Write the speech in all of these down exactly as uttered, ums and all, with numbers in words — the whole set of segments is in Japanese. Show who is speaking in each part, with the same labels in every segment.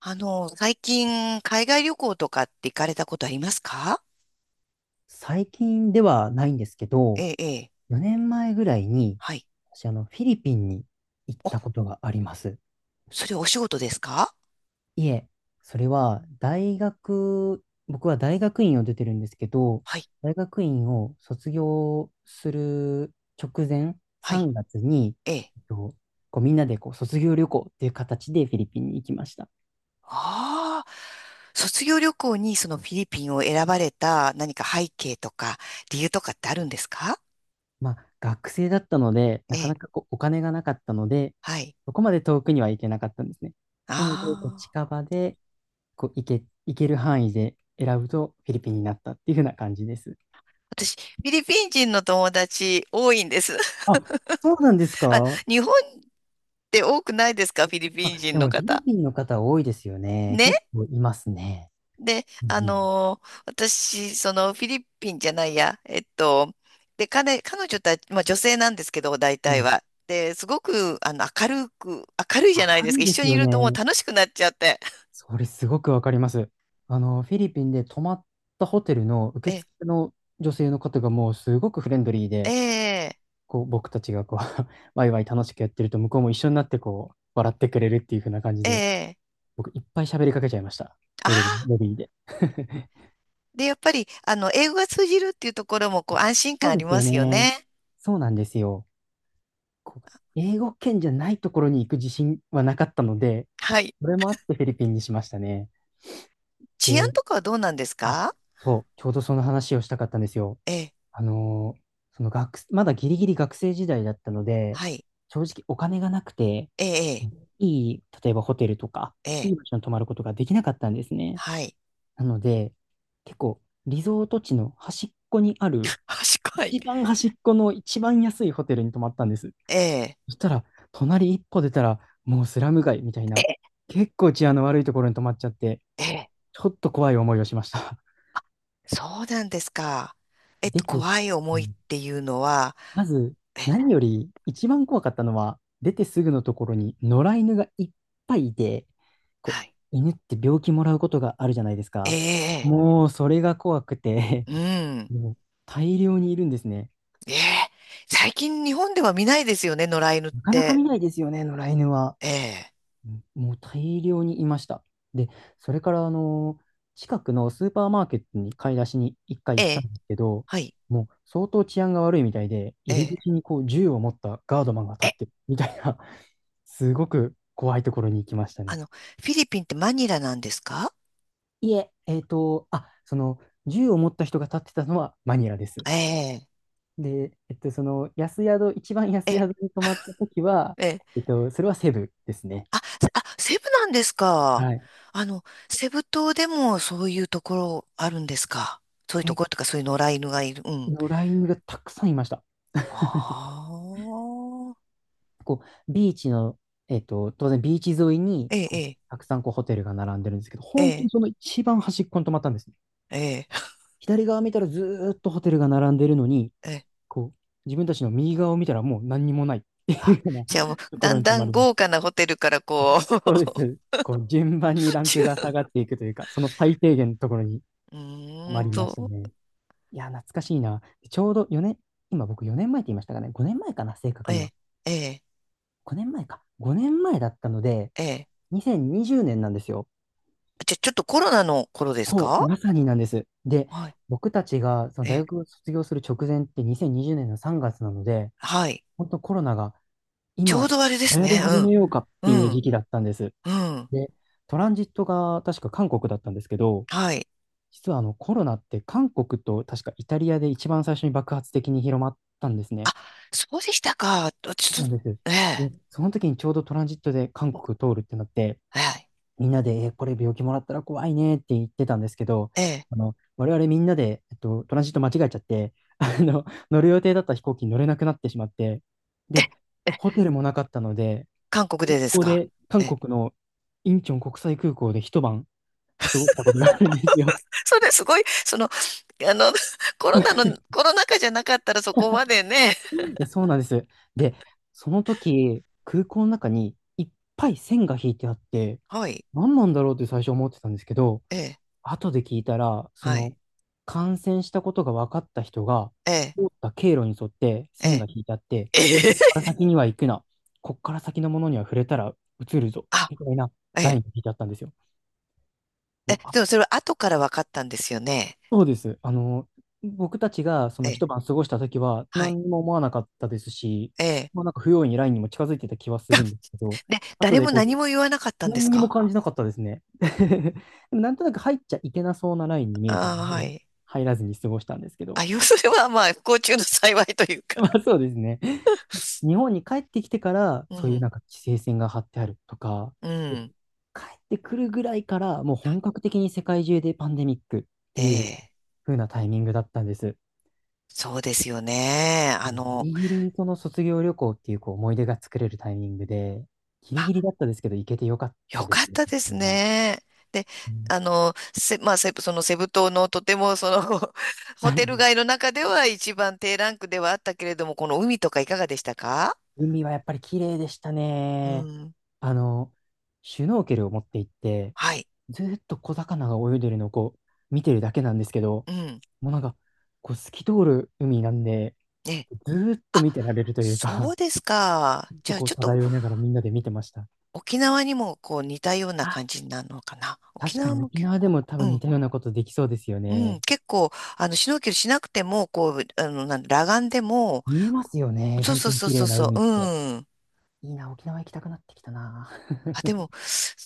Speaker 1: あの、最近、海外旅行とかって行かれたことありますか？
Speaker 2: 最近ではないんですけど、
Speaker 1: ええ、ええ、
Speaker 2: よねんまえぐらいに、
Speaker 1: はい。
Speaker 2: 私、あの、フィリピンに行っ
Speaker 1: お、
Speaker 2: たことがあります。
Speaker 1: それお仕事ですか？
Speaker 2: いえ、それは大学、僕は大学院を出てるんですけど、
Speaker 1: はい、
Speaker 2: 大学院を卒業する直前、
Speaker 1: はい、
Speaker 2: さんがつに、
Speaker 1: ええ。
Speaker 2: えっとこうみんなでこう卒業旅行っていう形でフィリピンに行きました。
Speaker 1: ああ、卒業旅行にそのフィリピンを選ばれた何か背景とか理由とかってあるんですか？
Speaker 2: まあ、学生だったので、な
Speaker 1: え
Speaker 2: か
Speaker 1: え、
Speaker 2: なかこうお金がなかったので、
Speaker 1: はい。
Speaker 2: そこまで遠くには行けなかったんですね。なので、こう
Speaker 1: ああ、
Speaker 2: 近場で、こう、行け、行ける範囲で選ぶとフィリピンになったっていう風な感じです。
Speaker 1: 私、フィリピン人の友達多いんです。
Speaker 2: あ、そうなんです
Speaker 1: あ、
Speaker 2: か。
Speaker 1: 日本って多くないですか？フィリ
Speaker 2: あ、
Speaker 1: ピン人
Speaker 2: で
Speaker 1: の
Speaker 2: もフィリ
Speaker 1: 方。
Speaker 2: ピンの方多いですよね。
Speaker 1: ね
Speaker 2: 結構いますね。
Speaker 1: で、
Speaker 2: うん
Speaker 1: あ
Speaker 2: うん。
Speaker 1: のー私、そのフィリピンじゃないや、えっと、で、彼、彼女たち、まあ女性なんですけど、大
Speaker 2: う
Speaker 1: 体
Speaker 2: ん、
Speaker 1: は。で、すごく、あの、明るく、明るいじゃない
Speaker 2: 明
Speaker 1: です
Speaker 2: る
Speaker 1: か。
Speaker 2: い
Speaker 1: 一
Speaker 2: で
Speaker 1: 緒
Speaker 2: す
Speaker 1: にい
Speaker 2: よ
Speaker 1: るともう
Speaker 2: ね。
Speaker 1: 楽しくなっちゃって。
Speaker 2: それすごくわかります。あの、フィリピンで泊まったホテルの受
Speaker 1: え、
Speaker 2: 付の女性の方がもうすごくフレンドリー
Speaker 1: え
Speaker 2: で、
Speaker 1: え、
Speaker 2: こう、僕たちがこう ワイワイ楽しくやってると、向こうも一緒になってこう、笑ってくれるっていう風な感じ
Speaker 1: え
Speaker 2: で、
Speaker 1: え、
Speaker 2: 僕いっぱい喋りかけちゃいました。
Speaker 1: あ
Speaker 2: ホテルの
Speaker 1: あ、
Speaker 2: ロビーで。
Speaker 1: で、やっぱり、あの、英語が通じるっていうところも、こう、安心感
Speaker 2: そう
Speaker 1: あ
Speaker 2: で
Speaker 1: り
Speaker 2: す
Speaker 1: ま
Speaker 2: よ
Speaker 1: すよ
Speaker 2: ね。
Speaker 1: ね。
Speaker 2: そうなんですよ。こう英語圏じゃないところに行く自信はなかったので、
Speaker 1: はい。
Speaker 2: それもあってフィリピンにしましたね。
Speaker 1: 治安
Speaker 2: で、
Speaker 1: とかはどうなんです
Speaker 2: あ、
Speaker 1: か？
Speaker 2: そう、ちょうどその話をしたかったんですよ。
Speaker 1: ええ、
Speaker 2: あのーその学、まだギリギリ学生時代だったので、
Speaker 1: はい。
Speaker 2: 正直お金がなくて、
Speaker 1: ええ、
Speaker 2: いい、例えばホテルとか、
Speaker 1: ええ、
Speaker 2: い
Speaker 1: ええ
Speaker 2: い場所に泊まることができなかったんですね。
Speaker 1: はい。
Speaker 2: なので、結構、リゾート地の端っこにある、
Speaker 1: 賢い。
Speaker 2: 一番端っこの一番安いホテルに泊まったんです。
Speaker 1: ええ、
Speaker 2: そしたら、隣一歩出たら、もうスラム街みたい
Speaker 1: え
Speaker 2: な、
Speaker 1: え、
Speaker 2: 結構治安の悪いところに泊まっちゃって、
Speaker 1: ええ
Speaker 2: ちょっと怖い思いをしました。
Speaker 1: そうなんですか。えっ
Speaker 2: 出
Speaker 1: と、
Speaker 2: て、
Speaker 1: 怖い
Speaker 2: う
Speaker 1: 思いっ
Speaker 2: ん、
Speaker 1: ていうのは、
Speaker 2: まず、
Speaker 1: え、
Speaker 2: 何より一番怖かったのは、出てすぐのところに野良犬がいっぱいいて、こ
Speaker 1: は
Speaker 2: う、
Speaker 1: い。
Speaker 2: 犬って病気もらうことがあるじゃないです
Speaker 1: え
Speaker 2: か。
Speaker 1: え、
Speaker 2: もう、それが怖くて
Speaker 1: う ん。
Speaker 2: もう大量にいるんですね。
Speaker 1: ええ、最近日本では見ないですよね、野良犬っ
Speaker 2: なかなか
Speaker 1: て。
Speaker 2: 見ないですよね、野良犬は。
Speaker 1: ええ、
Speaker 2: うん、もう大量にいました。で、それからあの近くのスーパーマーケットに買い出しに一
Speaker 1: え
Speaker 2: 回行ったん
Speaker 1: え、
Speaker 2: ですけど、
Speaker 1: はい。
Speaker 2: もう相当治安が悪いみたいで、入り
Speaker 1: え
Speaker 2: 口にこう銃を持ったガードマンが立
Speaker 1: え、
Speaker 2: っ
Speaker 1: え、
Speaker 2: てるみたいな、すごく怖いところに行きました
Speaker 1: あ
Speaker 2: ね。
Speaker 1: の、フィリピンってマニラなんですか？
Speaker 2: いえ、えっと、あ、その銃を持った人が立ってたのはマニラです。
Speaker 1: ええ、
Speaker 2: で、えっと、その安宿、一番安
Speaker 1: ええ、
Speaker 2: 宿に泊まった時は、
Speaker 1: ええ。
Speaker 2: えっと、それはセブですね。
Speaker 1: あ、あ、セブなんですか。
Speaker 2: はい。
Speaker 1: あの、セブ島でもそういうところあるんですか？そういうと
Speaker 2: け、
Speaker 1: ころとか、そういう野良犬がいる。うん。
Speaker 2: のラインがたくさんいました。
Speaker 1: ああ、
Speaker 2: こう、ビーチの、えっと、当然ビーチ沿いに、
Speaker 1: ええ、
Speaker 2: こ
Speaker 1: え
Speaker 2: う、
Speaker 1: え。
Speaker 2: たくさんこうホテルが並んでるんですけど、
Speaker 1: え
Speaker 2: 本当に
Speaker 1: え、
Speaker 2: その一番端っこに泊まったんですね。
Speaker 1: ええ、
Speaker 2: 左側見たらずーっとホテルが並んでるのに、
Speaker 1: ええ。
Speaker 2: こう、自分たちの右側を見たらもう何にもないっていう
Speaker 1: あ、
Speaker 2: ような
Speaker 1: じゃあもう、
Speaker 2: とこ
Speaker 1: だ
Speaker 2: ろ
Speaker 1: ん
Speaker 2: に泊
Speaker 1: だ
Speaker 2: ま
Speaker 1: ん
Speaker 2: りま
Speaker 1: 豪
Speaker 2: した。
Speaker 1: 華なホテルからこう
Speaker 2: そうで す。こう、順番にラン
Speaker 1: ち
Speaker 2: ク
Speaker 1: ゅ
Speaker 2: が下がっていくというか、その最低限のところに
Speaker 1: う
Speaker 2: 泊
Speaker 1: ー
Speaker 2: ま
Speaker 1: ん
Speaker 2: りました
Speaker 1: と、
Speaker 2: ね。いや、懐かしいな。ちょうど4年、今僕よねんまえって言いましたかね。ごねんまえかな、正
Speaker 1: え
Speaker 2: 確には。
Speaker 1: え、ええ、
Speaker 2: ごねんまえか。ごねんまえだったので、
Speaker 1: ええ。
Speaker 2: にせんにじゅうねんなんですよ。
Speaker 1: じゃあちょっとコロナの頃です
Speaker 2: そう、
Speaker 1: か？
Speaker 2: まさになんです。で、
Speaker 1: はい、
Speaker 2: 僕たちがその
Speaker 1: え
Speaker 2: 大
Speaker 1: え、
Speaker 2: 学を卒業する直前ってにせんにじゅうねんのさんがつなので、
Speaker 1: はい。
Speaker 2: 本当コロナが
Speaker 1: ちょう
Speaker 2: 今
Speaker 1: どあれで
Speaker 2: 流
Speaker 1: す
Speaker 2: 行り
Speaker 1: ね。
Speaker 2: 始めようかっ
Speaker 1: うん、
Speaker 2: ていう
Speaker 1: う
Speaker 2: 時
Speaker 1: ん、
Speaker 2: 期だったんです。
Speaker 1: うん、
Speaker 2: で、トランジットが確か韓国だったんですけど、
Speaker 1: はい。
Speaker 2: 実はあのコロナって韓国と確かイタリアで一番最初に爆発的に広まったんですね。
Speaker 1: あ、そうでしたか。
Speaker 2: そ
Speaker 1: ち
Speaker 2: う
Speaker 1: ょっ
Speaker 2: なん
Speaker 1: と、
Speaker 2: です。
Speaker 1: え
Speaker 2: で、
Speaker 1: え、
Speaker 2: その時にちょうどトランジットで韓国通るってなって、
Speaker 1: はい、
Speaker 2: みんなで、えーこれ病気もらったら怖いねって言ってたんですけど、
Speaker 1: ええ、
Speaker 2: あの、我々みんなで、えっと、トランジット間違えちゃって、あの、乗る予定だった飛行機に乗れなくなってしまって、で、
Speaker 1: え
Speaker 2: ホ
Speaker 1: え
Speaker 2: テルもなかったので、
Speaker 1: 韓国
Speaker 2: 空
Speaker 1: でです
Speaker 2: 港
Speaker 1: か？
Speaker 2: で、
Speaker 1: え
Speaker 2: 韓
Speaker 1: え。
Speaker 2: 国のインチョン国際空港で一晩過ごしたことがあるんですよ。
Speaker 1: それすごい、その、あの、コロナの、コロナ禍じゃなかったらそこまでね。
Speaker 2: えそうなんです。で、その時、空港の中にいっぱい線が引いてあって、
Speaker 1: はい、
Speaker 2: 何なんだろうって最初思ってたんですけど、
Speaker 1: ええ。
Speaker 2: 後で聞いたら、そ
Speaker 1: はい。
Speaker 2: の、感染したことが分かった人が、
Speaker 1: ええ、
Speaker 2: 通った経路に沿って
Speaker 1: え
Speaker 2: 線が
Speaker 1: え、
Speaker 2: 引いてあって、
Speaker 1: ええ、
Speaker 2: ここから 先には行くな、ここから先のものには触れたら移るぞ、
Speaker 1: あ、
Speaker 2: みたいな
Speaker 1: え
Speaker 2: ライン
Speaker 1: え、
Speaker 2: が引いてあったんですよ。も
Speaker 1: え、
Speaker 2: う、あ、
Speaker 1: でもそれは後から分かったんですよね。
Speaker 2: そうです。あの、僕たちがそ
Speaker 1: え
Speaker 2: の
Speaker 1: え、
Speaker 2: 一晩過ごした時は
Speaker 1: はい。
Speaker 2: 何も思わなかったですし、
Speaker 1: ええ。
Speaker 2: まあ、なんか不用意にラインにも近づいてた気はするんですけど、
Speaker 1: で、
Speaker 2: 後
Speaker 1: 誰
Speaker 2: で
Speaker 1: も
Speaker 2: こう
Speaker 1: 何
Speaker 2: 聞
Speaker 1: も言わなかったんです
Speaker 2: 何にも
Speaker 1: か？
Speaker 2: 感じなかったですね。でもなんとなく入っちゃいけなそうなラインに見えたの
Speaker 1: ああー、は
Speaker 2: で、
Speaker 1: い。
Speaker 2: 入らずに過ごしたんですけど。
Speaker 1: あ、要するには、まあ、不幸中の幸いという か。
Speaker 2: まあそうですね。日本に帰ってきてから、
Speaker 1: う
Speaker 2: そういう
Speaker 1: ん、
Speaker 2: なんか規制線が張ってあるとか、
Speaker 1: うん。
Speaker 2: 帰ってくるぐらいから、もう本格的に世界中でパンデミックって
Speaker 1: え
Speaker 2: いう
Speaker 1: え、
Speaker 2: 風なタイミングだったんです。
Speaker 1: そうですよね。あ
Speaker 2: ギ
Speaker 1: の、
Speaker 2: リギリその卒業旅行っていうこう思い出が作れるタイミングで、ギ
Speaker 1: ま
Speaker 2: リ
Speaker 1: あ、
Speaker 2: ギリだったですけど、行けてよかっ
Speaker 1: よ
Speaker 2: たです
Speaker 1: かっ
Speaker 2: ね。
Speaker 1: たで
Speaker 2: こ
Speaker 1: す
Speaker 2: れは
Speaker 1: ね。で、
Speaker 2: うん
Speaker 1: あの、せ、まあ、セブ、そのセブ島のとても、その、ホテル街 の中では一番低ランクではあったけれども、この海とかいかがでしたか？
Speaker 2: 海はやっぱり綺麗でした
Speaker 1: う
Speaker 2: ね。
Speaker 1: ん。
Speaker 2: あの、シュノーケルを持って行って、
Speaker 1: はい。
Speaker 2: ずーっと小魚が泳いでるのをこう見てるだけなんですけど、
Speaker 1: うん。
Speaker 2: もうなんか、こう透き通る海なんで、
Speaker 1: ね。
Speaker 2: ずーっと
Speaker 1: あ、
Speaker 2: 見てられるという
Speaker 1: そ
Speaker 2: か、
Speaker 1: うですか。
Speaker 2: ずっ
Speaker 1: じ
Speaker 2: と
Speaker 1: ゃあ、
Speaker 2: こう
Speaker 1: ちょっと
Speaker 2: 漂いながらみんなで見てました。
Speaker 1: 沖縄にもこう似たような
Speaker 2: あ、
Speaker 1: 感じになるのかな。沖
Speaker 2: 確か
Speaker 1: 縄
Speaker 2: に
Speaker 1: も
Speaker 2: 沖
Speaker 1: 結
Speaker 2: 縄で
Speaker 1: 構、
Speaker 2: も多
Speaker 1: う
Speaker 2: 分似
Speaker 1: ん。
Speaker 2: たようなことできそうですよ
Speaker 1: う
Speaker 2: ね。
Speaker 1: ん。結構、あの、シュノーケルしなくても、こう、あの、なん裸眼でも、
Speaker 2: 見えますよね。
Speaker 1: そう
Speaker 2: 本
Speaker 1: そ
Speaker 2: 当
Speaker 1: う
Speaker 2: に
Speaker 1: そう
Speaker 2: 綺
Speaker 1: そ
Speaker 2: 麗
Speaker 1: う
Speaker 2: な
Speaker 1: そ
Speaker 2: 海っ
Speaker 1: う、
Speaker 2: て。
Speaker 1: うん。
Speaker 2: いいな、沖縄行きたくなってきたな。
Speaker 1: あ、で も、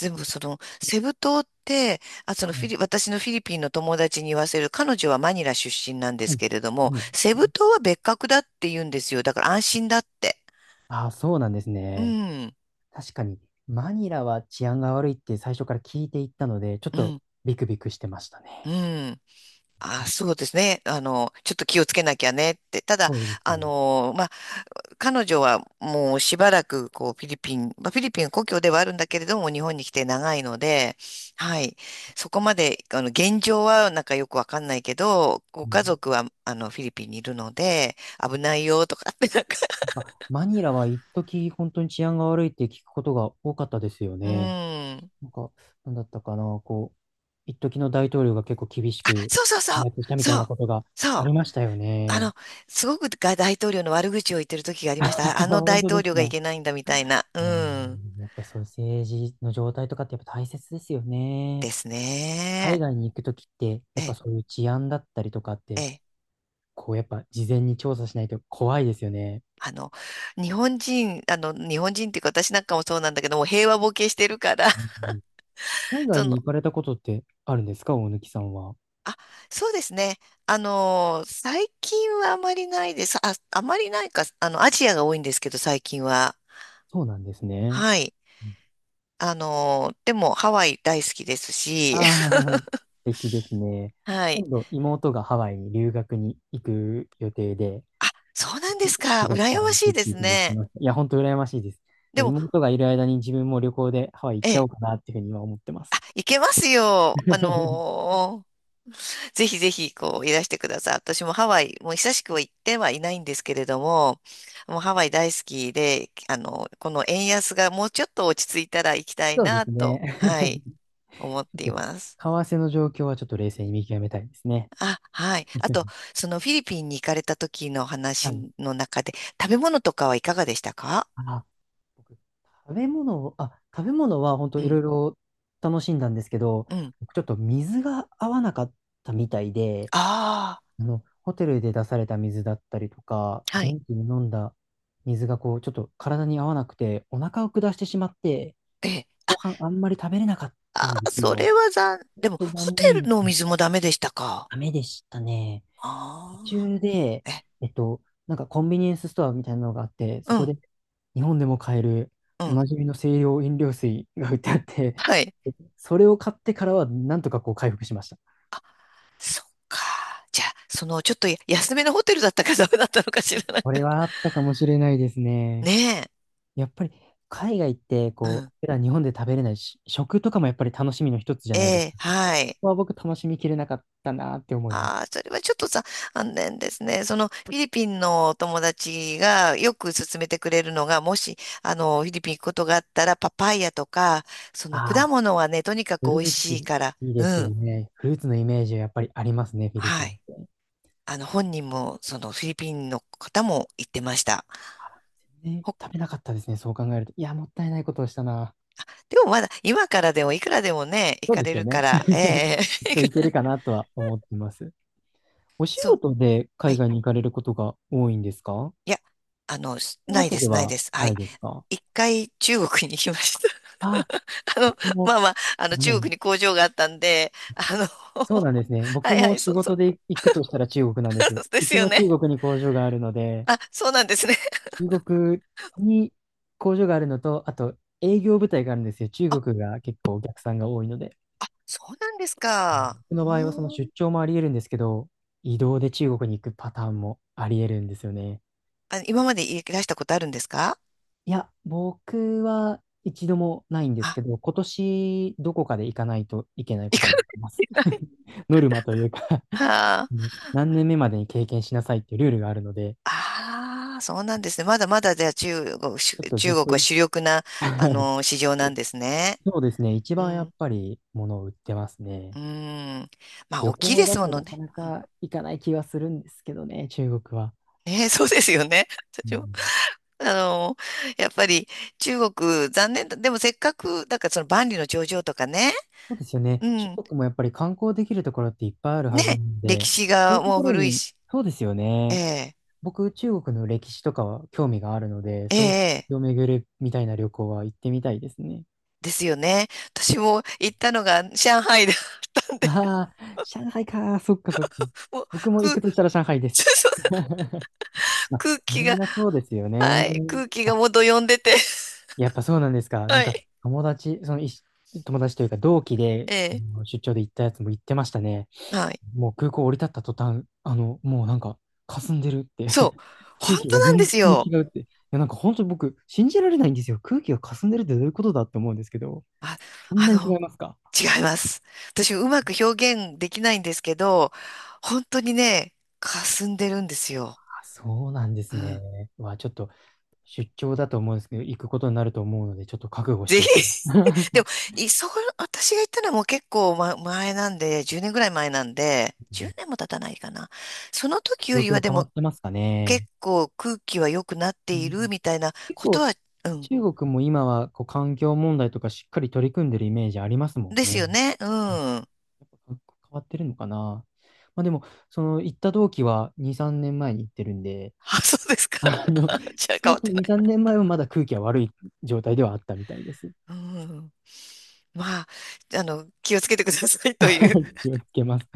Speaker 1: でもその、セブ島って、あ、そ
Speaker 2: は
Speaker 1: のフィ
Speaker 2: い。
Speaker 1: リ、私のフィリピンの友達に言わせる、彼女はマニラ出身なんで
Speaker 2: は
Speaker 1: す
Speaker 2: い。
Speaker 1: けれど
Speaker 2: は
Speaker 1: も、
Speaker 2: い。
Speaker 1: セブ島は別格だって言うんですよ。だから安心だって。
Speaker 2: あ、そうなんです
Speaker 1: う
Speaker 2: ね。
Speaker 1: ん。
Speaker 2: 確かに、マニラは治安が悪いって最初から聞いていったので、ちょっ
Speaker 1: う
Speaker 2: と
Speaker 1: ん。
Speaker 2: ビクビクしてました
Speaker 1: う
Speaker 2: ね。
Speaker 1: ん。あ、そうですね。あの、ちょっと気をつけなきゃねって。ただ、
Speaker 2: そうです
Speaker 1: あ
Speaker 2: よね。
Speaker 1: の、まあ、彼女はもうしばらく、こう、フィリピン、まあ、フィリピン故郷ではあるんだけれども、日本に来て長いので、はい。そこまで、あの、現状はなんかよくわかんないけど、ご
Speaker 2: う
Speaker 1: 家
Speaker 2: ん、
Speaker 1: 族は、あの、フィリピンにいるので、危ないよとかって、なんか、
Speaker 2: やっぱマニラは一時本当に治安が悪いって聞くことが多かったですよ
Speaker 1: う
Speaker 2: ね。
Speaker 1: ん。
Speaker 2: なんか、なんだったかな、こう、一時の大統領が結構厳し
Speaker 1: あ、
Speaker 2: く
Speaker 1: そうそうそう。
Speaker 2: やってきたみたい
Speaker 1: そ
Speaker 2: な
Speaker 1: う。
Speaker 2: ことが
Speaker 1: そ
Speaker 2: あ
Speaker 1: う。
Speaker 2: りましたよ
Speaker 1: あ
Speaker 2: ね。
Speaker 1: の、すごくが大統領の悪口を言ってる時がありました。あ あの
Speaker 2: 本
Speaker 1: 大
Speaker 2: 当
Speaker 1: 統
Speaker 2: です
Speaker 1: 領がい
Speaker 2: か。
Speaker 1: けないんだみたいな。う
Speaker 2: まあ、
Speaker 1: ん。
Speaker 2: やっぱりそういう政治の状態とかってやっぱ大切ですよ
Speaker 1: で
Speaker 2: ね。
Speaker 1: す
Speaker 2: 海
Speaker 1: ね。
Speaker 2: 外に行くときって、やっぱ
Speaker 1: え、
Speaker 2: そういう治安だったりとかって
Speaker 1: え、
Speaker 2: こう、やっぱ事前に調査しないと怖いですよね。
Speaker 1: あの、日本人、あの、日本人っていうか私なんかもそうなんだけども、平和ボケしてるから、
Speaker 2: うんうん、海 外
Speaker 1: その、
Speaker 2: に行かれたことってあるんですか、大貫さんは。
Speaker 1: あ、そうですね。あの、最近はあまりないです。あ、あまりないか、あの、アジアが多いんですけど、最近は。
Speaker 2: そうなんですね。
Speaker 1: はい。あの、でも、ハワイ大好きです
Speaker 2: あ
Speaker 1: し、
Speaker 2: あー、素敵ですね。
Speaker 1: はい。
Speaker 2: 今度、妹がハワイに留学に行く予定で、
Speaker 1: あ、そうなんで
Speaker 2: はち、
Speaker 1: すか。
Speaker 2: 月
Speaker 1: 羨
Speaker 2: から
Speaker 1: ま
Speaker 2: 行
Speaker 1: し
Speaker 2: く
Speaker 1: い
Speaker 2: っ
Speaker 1: で
Speaker 2: ていう
Speaker 1: す
Speaker 2: ふうに言って
Speaker 1: ね。
Speaker 2: ました。いや、本当羨ましいです。で
Speaker 1: で
Speaker 2: も
Speaker 1: も、
Speaker 2: 妹がいる間に自分も旅行でハワイ行っ
Speaker 1: え
Speaker 2: ちゃお
Speaker 1: え。
Speaker 2: うかなっていうふうに今思ってま
Speaker 1: あ、
Speaker 2: す。
Speaker 1: 行けますよ。あ のーぜひぜひ、こう、いらしてください。私もハワイ、もう久しくは行ってはいないんですけれども、もうハワイ大好きで、あの、この円安がもうちょっと落ち着いたら行きたい
Speaker 2: そうで
Speaker 1: な
Speaker 2: す
Speaker 1: と、
Speaker 2: ね。
Speaker 1: はい、
Speaker 2: ち
Speaker 1: 思ってい
Speaker 2: ょっと
Speaker 1: ます。
Speaker 2: 為替の状況はちょっと冷静に見極めたいですね。
Speaker 1: あ、はい。あと、そのフィリピンに行かれた時の
Speaker 2: は
Speaker 1: 話
Speaker 2: い。
Speaker 1: の中で、食べ物とかはいかがでしたか？
Speaker 2: あ、僕、食べ物を、あ、食べ物は本当
Speaker 1: う
Speaker 2: いろ
Speaker 1: ん、
Speaker 2: いろ楽しんだんですけど、
Speaker 1: うん。
Speaker 2: 僕ちょっと水が合わなかったみたいで、
Speaker 1: あ
Speaker 2: あの、ホテルで出された水だったりとか、
Speaker 1: あ、はい。
Speaker 2: 現地に飲んだ水がこう、ちょっと体に合わなくて、お腹を下してしまって、
Speaker 1: ええ。
Speaker 2: 後
Speaker 1: あ、
Speaker 2: 半あんまり食べれなかった
Speaker 1: あ
Speaker 2: んで
Speaker 1: ー、
Speaker 2: す
Speaker 1: それ
Speaker 2: よ。
Speaker 1: は残、
Speaker 2: ちょ
Speaker 1: で
Speaker 2: っ
Speaker 1: も、
Speaker 2: と
Speaker 1: ホ
Speaker 2: 残
Speaker 1: テ
Speaker 2: 念
Speaker 1: ル
Speaker 2: で
Speaker 1: のお
Speaker 2: す。
Speaker 1: 水もダメでしたか？
Speaker 2: ダメでしたね。途
Speaker 1: あ
Speaker 2: 中で、
Speaker 1: あ、え、
Speaker 2: えっと、なんかコンビニエンスストアみたいなのがあって、
Speaker 1: う
Speaker 2: そこ
Speaker 1: ん、
Speaker 2: で日本でも買える
Speaker 1: う
Speaker 2: お
Speaker 1: ん。
Speaker 2: なじみの清涼飲料水が売ってあって、
Speaker 1: はい。
Speaker 2: それを買ってからはなんとかこう回復しました。
Speaker 1: そっか。じゃあ、その、ちょっとや安めのホテルだったかダメだったのかしら、なんか。
Speaker 2: こ れはあったかもしれないですね。
Speaker 1: ね
Speaker 2: やっぱり海外って
Speaker 1: え。う
Speaker 2: こ
Speaker 1: ん。
Speaker 2: う、普段日本で食べれないし、食とかもやっぱり楽しみの一つじ
Speaker 1: え
Speaker 2: ゃないですか。
Speaker 1: え、
Speaker 2: こ
Speaker 1: はい。
Speaker 2: こは僕楽しみきれなかったなって思います。
Speaker 1: ああ、それはちょっとさ、残念ですね。その、フィリピンのお友達がよく勧めてくれるのが、もし、あの、フィリピン行くことがあったら、パパイヤとか、その、果
Speaker 2: ああ、
Speaker 1: 物はね、とにか
Speaker 2: フ
Speaker 1: く美
Speaker 2: ル
Speaker 1: 味
Speaker 2: ーツ
Speaker 1: しいから、
Speaker 2: いいで
Speaker 1: う
Speaker 2: すよ
Speaker 1: ん。
Speaker 2: ね。フルーツのイメージはやっぱりありますね、フィリピ
Speaker 1: は
Speaker 2: ンっ
Speaker 1: い。
Speaker 2: て。
Speaker 1: あの、本人も、その、フィリピンの方も言ってました。
Speaker 2: ね、食べなかったですね、そう考えると。いや、もったいないことをしたな。
Speaker 1: でもまだ、今からでも、いくらでもね、行
Speaker 2: そう
Speaker 1: か
Speaker 2: で
Speaker 1: れ
Speaker 2: すよ
Speaker 1: るか
Speaker 2: ね。
Speaker 1: ら、ええ
Speaker 2: きっといけるか なとは思ってます。お仕
Speaker 1: そう。
Speaker 2: 事で
Speaker 1: は
Speaker 2: 海
Speaker 1: い。
Speaker 2: 外に行かれることが多いんですか？
Speaker 1: いや、あの、し
Speaker 2: という
Speaker 1: な
Speaker 2: わ
Speaker 1: い
Speaker 2: け
Speaker 1: で
Speaker 2: で
Speaker 1: す、ない
Speaker 2: は
Speaker 1: です。は
Speaker 2: ない
Speaker 1: い。
Speaker 2: ですか？
Speaker 1: 一回中国に行きました。
Speaker 2: あ、
Speaker 1: あの、ま
Speaker 2: も
Speaker 1: あまあ、あの、
Speaker 2: う、
Speaker 1: 中国
Speaker 2: ね。
Speaker 1: に工場があったんで、あの、
Speaker 2: そうなんですね。
Speaker 1: は
Speaker 2: 僕
Speaker 1: いは
Speaker 2: も
Speaker 1: い、
Speaker 2: 仕
Speaker 1: そうそ
Speaker 2: 事
Speaker 1: う。
Speaker 2: で行くとしたら中国なんです。
Speaker 1: で
Speaker 2: う
Speaker 1: す
Speaker 2: ち
Speaker 1: よ
Speaker 2: も
Speaker 1: ね。
Speaker 2: 中国に工場があるので、
Speaker 1: あ、そうなんですね。
Speaker 2: 中国に工場があるのと、あと営業部隊があるんですよ。中
Speaker 1: あ、
Speaker 2: 国が結構お客さんが多いので。
Speaker 1: そうなんですか。
Speaker 2: 僕
Speaker 1: う
Speaker 2: の場合はその
Speaker 1: ーん。
Speaker 2: 出張もあり得るんですけど、移動で中国に行くパターンもあり得るんですよね。
Speaker 1: あ、今までいらしたことあるんですか？
Speaker 2: いや、僕は一度もないんです
Speaker 1: あ、
Speaker 2: けど、今年どこかで行かないといけない
Speaker 1: 行
Speaker 2: こ
Speaker 1: か
Speaker 2: と
Speaker 1: な
Speaker 2: にな
Speaker 1: い
Speaker 2: りま
Speaker 1: と
Speaker 2: す。
Speaker 1: いけない。
Speaker 2: ノルマというか、
Speaker 1: は
Speaker 2: う
Speaker 1: あ。
Speaker 2: ん、 何年目までに経験しなさいっていうルールがあるので、
Speaker 1: ああ、そうなんですね。まだまだじゃあ中国、し
Speaker 2: ちょっとず
Speaker 1: 中
Speaker 2: っ
Speaker 1: 国
Speaker 2: と
Speaker 1: は
Speaker 2: い
Speaker 1: 主力な、あ の市場なんですね。
Speaker 2: そうですね、一
Speaker 1: う
Speaker 2: 番やっ
Speaker 1: ん。
Speaker 2: ぱり物を売ってますね。
Speaker 1: うん。まあ、
Speaker 2: 旅
Speaker 1: 大きい
Speaker 2: 行
Speaker 1: で
Speaker 2: だ
Speaker 1: すも
Speaker 2: と
Speaker 1: の
Speaker 2: なか
Speaker 1: ね。
Speaker 2: な
Speaker 1: うん
Speaker 2: か行かない気はするんですけどね、中国は。
Speaker 1: ねえ、そうですよね。
Speaker 2: う
Speaker 1: 私も、
Speaker 2: ん。
Speaker 1: あのやっぱり中国、残念だ。でもせっかく、だからその万里の長城とかね。
Speaker 2: そうですよね。
Speaker 1: う
Speaker 2: 中
Speaker 1: ん。
Speaker 2: 国もやっぱり観光できるところっていっぱいあるはずな
Speaker 1: ね。
Speaker 2: ん
Speaker 1: 歴
Speaker 2: で、
Speaker 1: 史
Speaker 2: そうい
Speaker 1: が
Speaker 2: うと
Speaker 1: もう
Speaker 2: ころ
Speaker 1: 古い
Speaker 2: に、
Speaker 1: し。
Speaker 2: そうですよ
Speaker 1: え
Speaker 2: ね。
Speaker 1: え、
Speaker 2: 僕、中国の歴史とかは興味があるので、
Speaker 1: え
Speaker 2: そういう
Speaker 1: え、
Speaker 2: 歴を巡るみたいな旅行は行ってみたいですね。
Speaker 1: ですよね。私も行ったのが上海だったんで、
Speaker 2: ああ、上海か。そっかそっか。
Speaker 1: もう、
Speaker 2: 僕も行
Speaker 1: 空
Speaker 2: くとしたら上海です。まあ、
Speaker 1: 空気
Speaker 2: み
Speaker 1: は
Speaker 2: んなそうですよね。
Speaker 1: い。空気がもうどよんでて。
Speaker 2: やっぱそうなんですか？なん
Speaker 1: は
Speaker 2: か
Speaker 1: い。
Speaker 2: 友達、そのいし友達というか同期で
Speaker 1: え
Speaker 2: あ
Speaker 1: え。
Speaker 2: の出張で行ったやつも行ってましたね。
Speaker 1: はい。
Speaker 2: もう空港降り立った途端、あの、もうなんか、霞んでるっ
Speaker 1: そう。
Speaker 2: て
Speaker 1: 本
Speaker 2: 空気
Speaker 1: 当
Speaker 2: が
Speaker 1: なんで
Speaker 2: 全
Speaker 1: す
Speaker 2: 然違
Speaker 1: よ。
Speaker 2: うって。いや、なんか本当に僕、信じられないんですよ。空気が霞んでるってどういうことだって思うんですけど、
Speaker 1: あ、
Speaker 2: そん
Speaker 1: あ
Speaker 2: なに違
Speaker 1: の、
Speaker 2: いますか？
Speaker 1: 違います。私、うまく表現できないんですけど、本当にね、霞んでるんです
Speaker 2: あ、
Speaker 1: よ。
Speaker 2: そうなんで
Speaker 1: う
Speaker 2: す
Speaker 1: ん。
Speaker 2: ね。は、ちょっと出張だと思うんですけど、行くことになると思うので、ちょっと覚悟し
Speaker 1: ぜ
Speaker 2: て
Speaker 1: ひ。
Speaker 2: おきます。
Speaker 1: でも、い、そう、私が言ったのはもう結構、ま、前なんで、じゅうねんぐらい前なんで、
Speaker 2: うん。
Speaker 1: じゅうねんも経たないかな。その時よ
Speaker 2: 状
Speaker 1: りは
Speaker 2: 況
Speaker 1: で
Speaker 2: 変わ
Speaker 1: も
Speaker 2: ってますか
Speaker 1: 結
Speaker 2: ね？
Speaker 1: 構空気は良くなって
Speaker 2: う
Speaker 1: いる
Speaker 2: ん。
Speaker 1: みたいな
Speaker 2: 結
Speaker 1: こと
Speaker 2: 構、
Speaker 1: は、うん。
Speaker 2: 中国も今はこう環境問題とかしっかり取り組んでるイメージありますもん
Speaker 1: です
Speaker 2: ね。
Speaker 1: よね。うん。
Speaker 2: 変わってるのかな。まあでも、その行った同期はに、さんねんまえに行ってるんで、
Speaker 1: あ、そうですか。
Speaker 2: あの、
Speaker 1: じゃあ
Speaker 2: 少
Speaker 1: 変
Speaker 2: な
Speaker 1: わっ
Speaker 2: くと
Speaker 1: て
Speaker 2: も
Speaker 1: な
Speaker 2: に、
Speaker 1: い。
Speaker 2: さんねんまえはまだ空気は悪い状態ではあったみたいです。
Speaker 1: うん。まあ、あの、気をつけてくださいという。
Speaker 2: 気をつけます。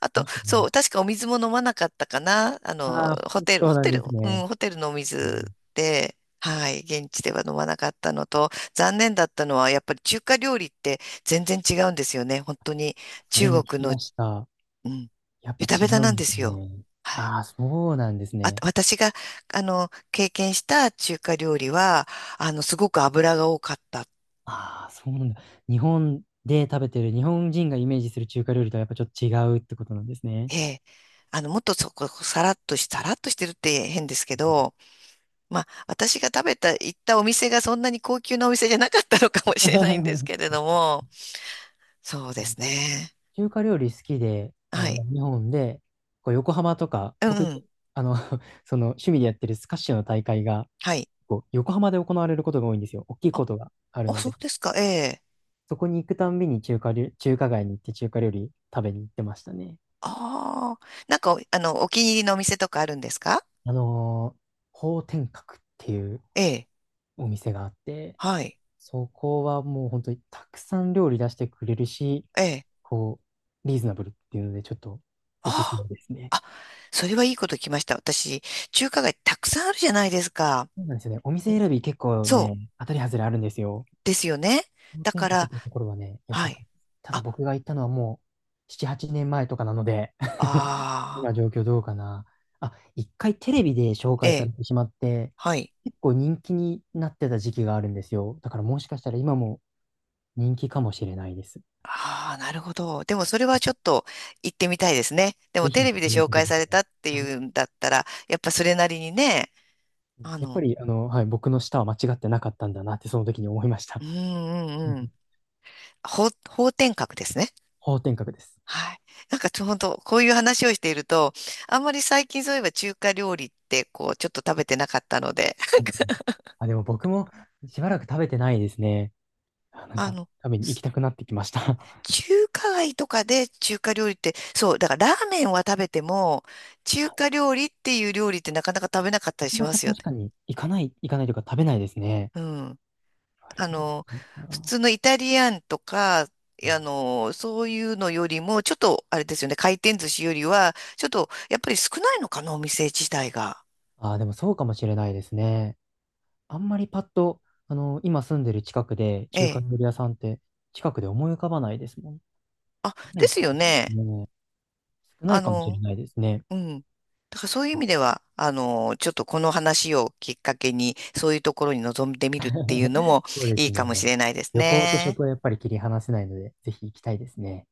Speaker 1: あと、
Speaker 2: もし
Speaker 1: そ
Speaker 2: ね。
Speaker 1: う、確かお水も飲まなかったかな。あの、
Speaker 2: ああ、
Speaker 1: ホテル、
Speaker 2: そう
Speaker 1: ホ
Speaker 2: な
Speaker 1: テ
Speaker 2: んで
Speaker 1: ル、
Speaker 2: す
Speaker 1: う
Speaker 2: ね。
Speaker 1: ん、ホテルのお
Speaker 2: う
Speaker 1: 水
Speaker 2: ん、
Speaker 1: で、はい、現地では飲まなかったのと、残念だったのは、やっぱり中華料理って全然違うんですよね。本当に
Speaker 2: それも
Speaker 1: 中
Speaker 2: 聞
Speaker 1: 国
Speaker 2: き
Speaker 1: の、
Speaker 2: ました。
Speaker 1: うん、
Speaker 2: やっ
Speaker 1: ベ
Speaker 2: ぱ
Speaker 1: タ
Speaker 2: 違
Speaker 1: ベタ
Speaker 2: う
Speaker 1: なん
Speaker 2: ん
Speaker 1: で
Speaker 2: です
Speaker 1: すよ。
Speaker 2: ね。
Speaker 1: はい。
Speaker 2: ああ、そうなんです
Speaker 1: あ、
Speaker 2: ね。
Speaker 1: 私が、あの、経験した中華料理は、あの、すごく油が多かった。
Speaker 2: ああ、そうなんだ。日本で食べてる、日本人がイメージする中華料理とはやっぱちょっと違うってことなんですね。
Speaker 1: ええ。あの、もっとそこ、さらっとし、さらっとしてるって変ですけど、まあ、私が食べた、行ったお店がそんなに高級なお店じゃなかったのかもしれないんですけれ ども、そうですね。
Speaker 2: 中華料理好きで、あ
Speaker 1: は
Speaker 2: の、ま
Speaker 1: い。
Speaker 2: あ日本で、こう横浜とか、
Speaker 1: うん
Speaker 2: 僕、
Speaker 1: うん。
Speaker 2: あの、その趣味でやってるスカッシュの大会が、
Speaker 1: はい。
Speaker 2: こう横浜で行われることが多いんですよ。大きい
Speaker 1: あ、
Speaker 2: ことがある
Speaker 1: あ、
Speaker 2: の
Speaker 1: そう
Speaker 2: で、
Speaker 1: ですか。ええ。
Speaker 2: そこに行くたんびに中華料、中華街に行って中華料理食べに行ってましたね。
Speaker 1: ああ。なんか、あの、お気に入りのお店とかあるんですか？
Speaker 2: あのー、方天閣っていう
Speaker 1: ええ。
Speaker 2: お店があって、
Speaker 1: はい。
Speaker 2: そこはもう本当にたくさん料理出してくれるし、
Speaker 1: ええ。
Speaker 2: こう、リーズナブルっていうので、ちょっとおすすめ
Speaker 1: あ
Speaker 2: ですね。
Speaker 1: あ。あ、それはいいこと聞きました。私、中華街たくさんあるじゃないですか。
Speaker 2: そうなんですよね。お
Speaker 1: うん。
Speaker 2: 店選び結構
Speaker 1: そう。
Speaker 2: ね、当たり外れあるんですよ。
Speaker 1: ですよね。
Speaker 2: 氷
Speaker 1: だ
Speaker 2: 点
Speaker 1: か
Speaker 2: 下っ
Speaker 1: ら、
Speaker 2: ていうところはね、良
Speaker 1: は
Speaker 2: かったで
Speaker 1: い。
Speaker 2: す。ただ僕が行ったのはもうしち、はちねんまえとかなので
Speaker 1: ああ、
Speaker 2: 今状況どうかな。あ、一回テレビで紹
Speaker 1: え
Speaker 2: 介さ
Speaker 1: え、
Speaker 2: れてしまって、
Speaker 1: はい。
Speaker 2: 結構人気になってた時期があるんですよ。だからもしかしたら今も人気かもしれないです。
Speaker 1: ああ、なるほど。でもそれはちょっと行ってみたいですね。でも
Speaker 2: ぜ
Speaker 1: テ
Speaker 2: ひ
Speaker 1: レビで
Speaker 2: 見
Speaker 1: 紹
Speaker 2: てくだ
Speaker 1: 介
Speaker 2: さ
Speaker 1: され
Speaker 2: い。
Speaker 1: たって いうんだったら、やっぱそれなりにね、あ
Speaker 2: やっぱ
Speaker 1: の、
Speaker 2: り、あの、はい、僕の舌は間違ってなかったんだなってその時に思いました。
Speaker 1: うんうんうん。法、法典格ですね。
Speaker 2: 方天閣です。
Speaker 1: はい。なんかちょうどこういう話をしていると、あんまり最近そういえば中華料理ってこう、ちょっと食べてなかったので、
Speaker 2: うんうん。 あ、でも僕もしばらく食べてないですね。あ、なん
Speaker 1: あ
Speaker 2: か
Speaker 1: の、
Speaker 2: 食べに行きたくなってきました。
Speaker 1: 中華街とかで中華料理って、そう、だからラーメンは食べても、中華料理っていう料理ってなかなか食べなかったり し
Speaker 2: な
Speaker 1: ま
Speaker 2: かな
Speaker 1: す
Speaker 2: か
Speaker 1: よね。
Speaker 2: 確かに行かない、行かないというか食べないですね。
Speaker 1: うん。
Speaker 2: 言われ
Speaker 1: あ
Speaker 2: てみ
Speaker 1: の、
Speaker 2: ると
Speaker 1: 普
Speaker 2: な。
Speaker 1: 通のイタリアンとか、あ
Speaker 2: うん。
Speaker 1: の、そういうのよりも、ちょっと、あれですよね、回転寿司よりは、ちょっと、やっぱり少ないのかな、お店自体が。
Speaker 2: あ、でもそうかもしれないですね。あんまりパッと、あの、今住んでる近くで
Speaker 1: え
Speaker 2: 中華
Speaker 1: え。
Speaker 2: 料理屋さんって近くで思い浮かばないですもん。
Speaker 1: あ、
Speaker 2: な
Speaker 1: で
Speaker 2: い
Speaker 1: す
Speaker 2: 気
Speaker 1: よ
Speaker 2: がします
Speaker 1: ね。
Speaker 2: ね。少な
Speaker 1: あ
Speaker 2: いかもしれ
Speaker 1: の、
Speaker 2: ないですね。
Speaker 1: うん。だからそういう意味では、あの、ちょっとこの話をきっかけに、そういうところに臨んでみるっていうの も
Speaker 2: そうで
Speaker 1: い
Speaker 2: す
Speaker 1: いか
Speaker 2: ね。
Speaker 1: もしれないです
Speaker 2: 旅行と
Speaker 1: ね。
Speaker 2: 食はやっぱり切り離せないので、ぜひ行きたいですね。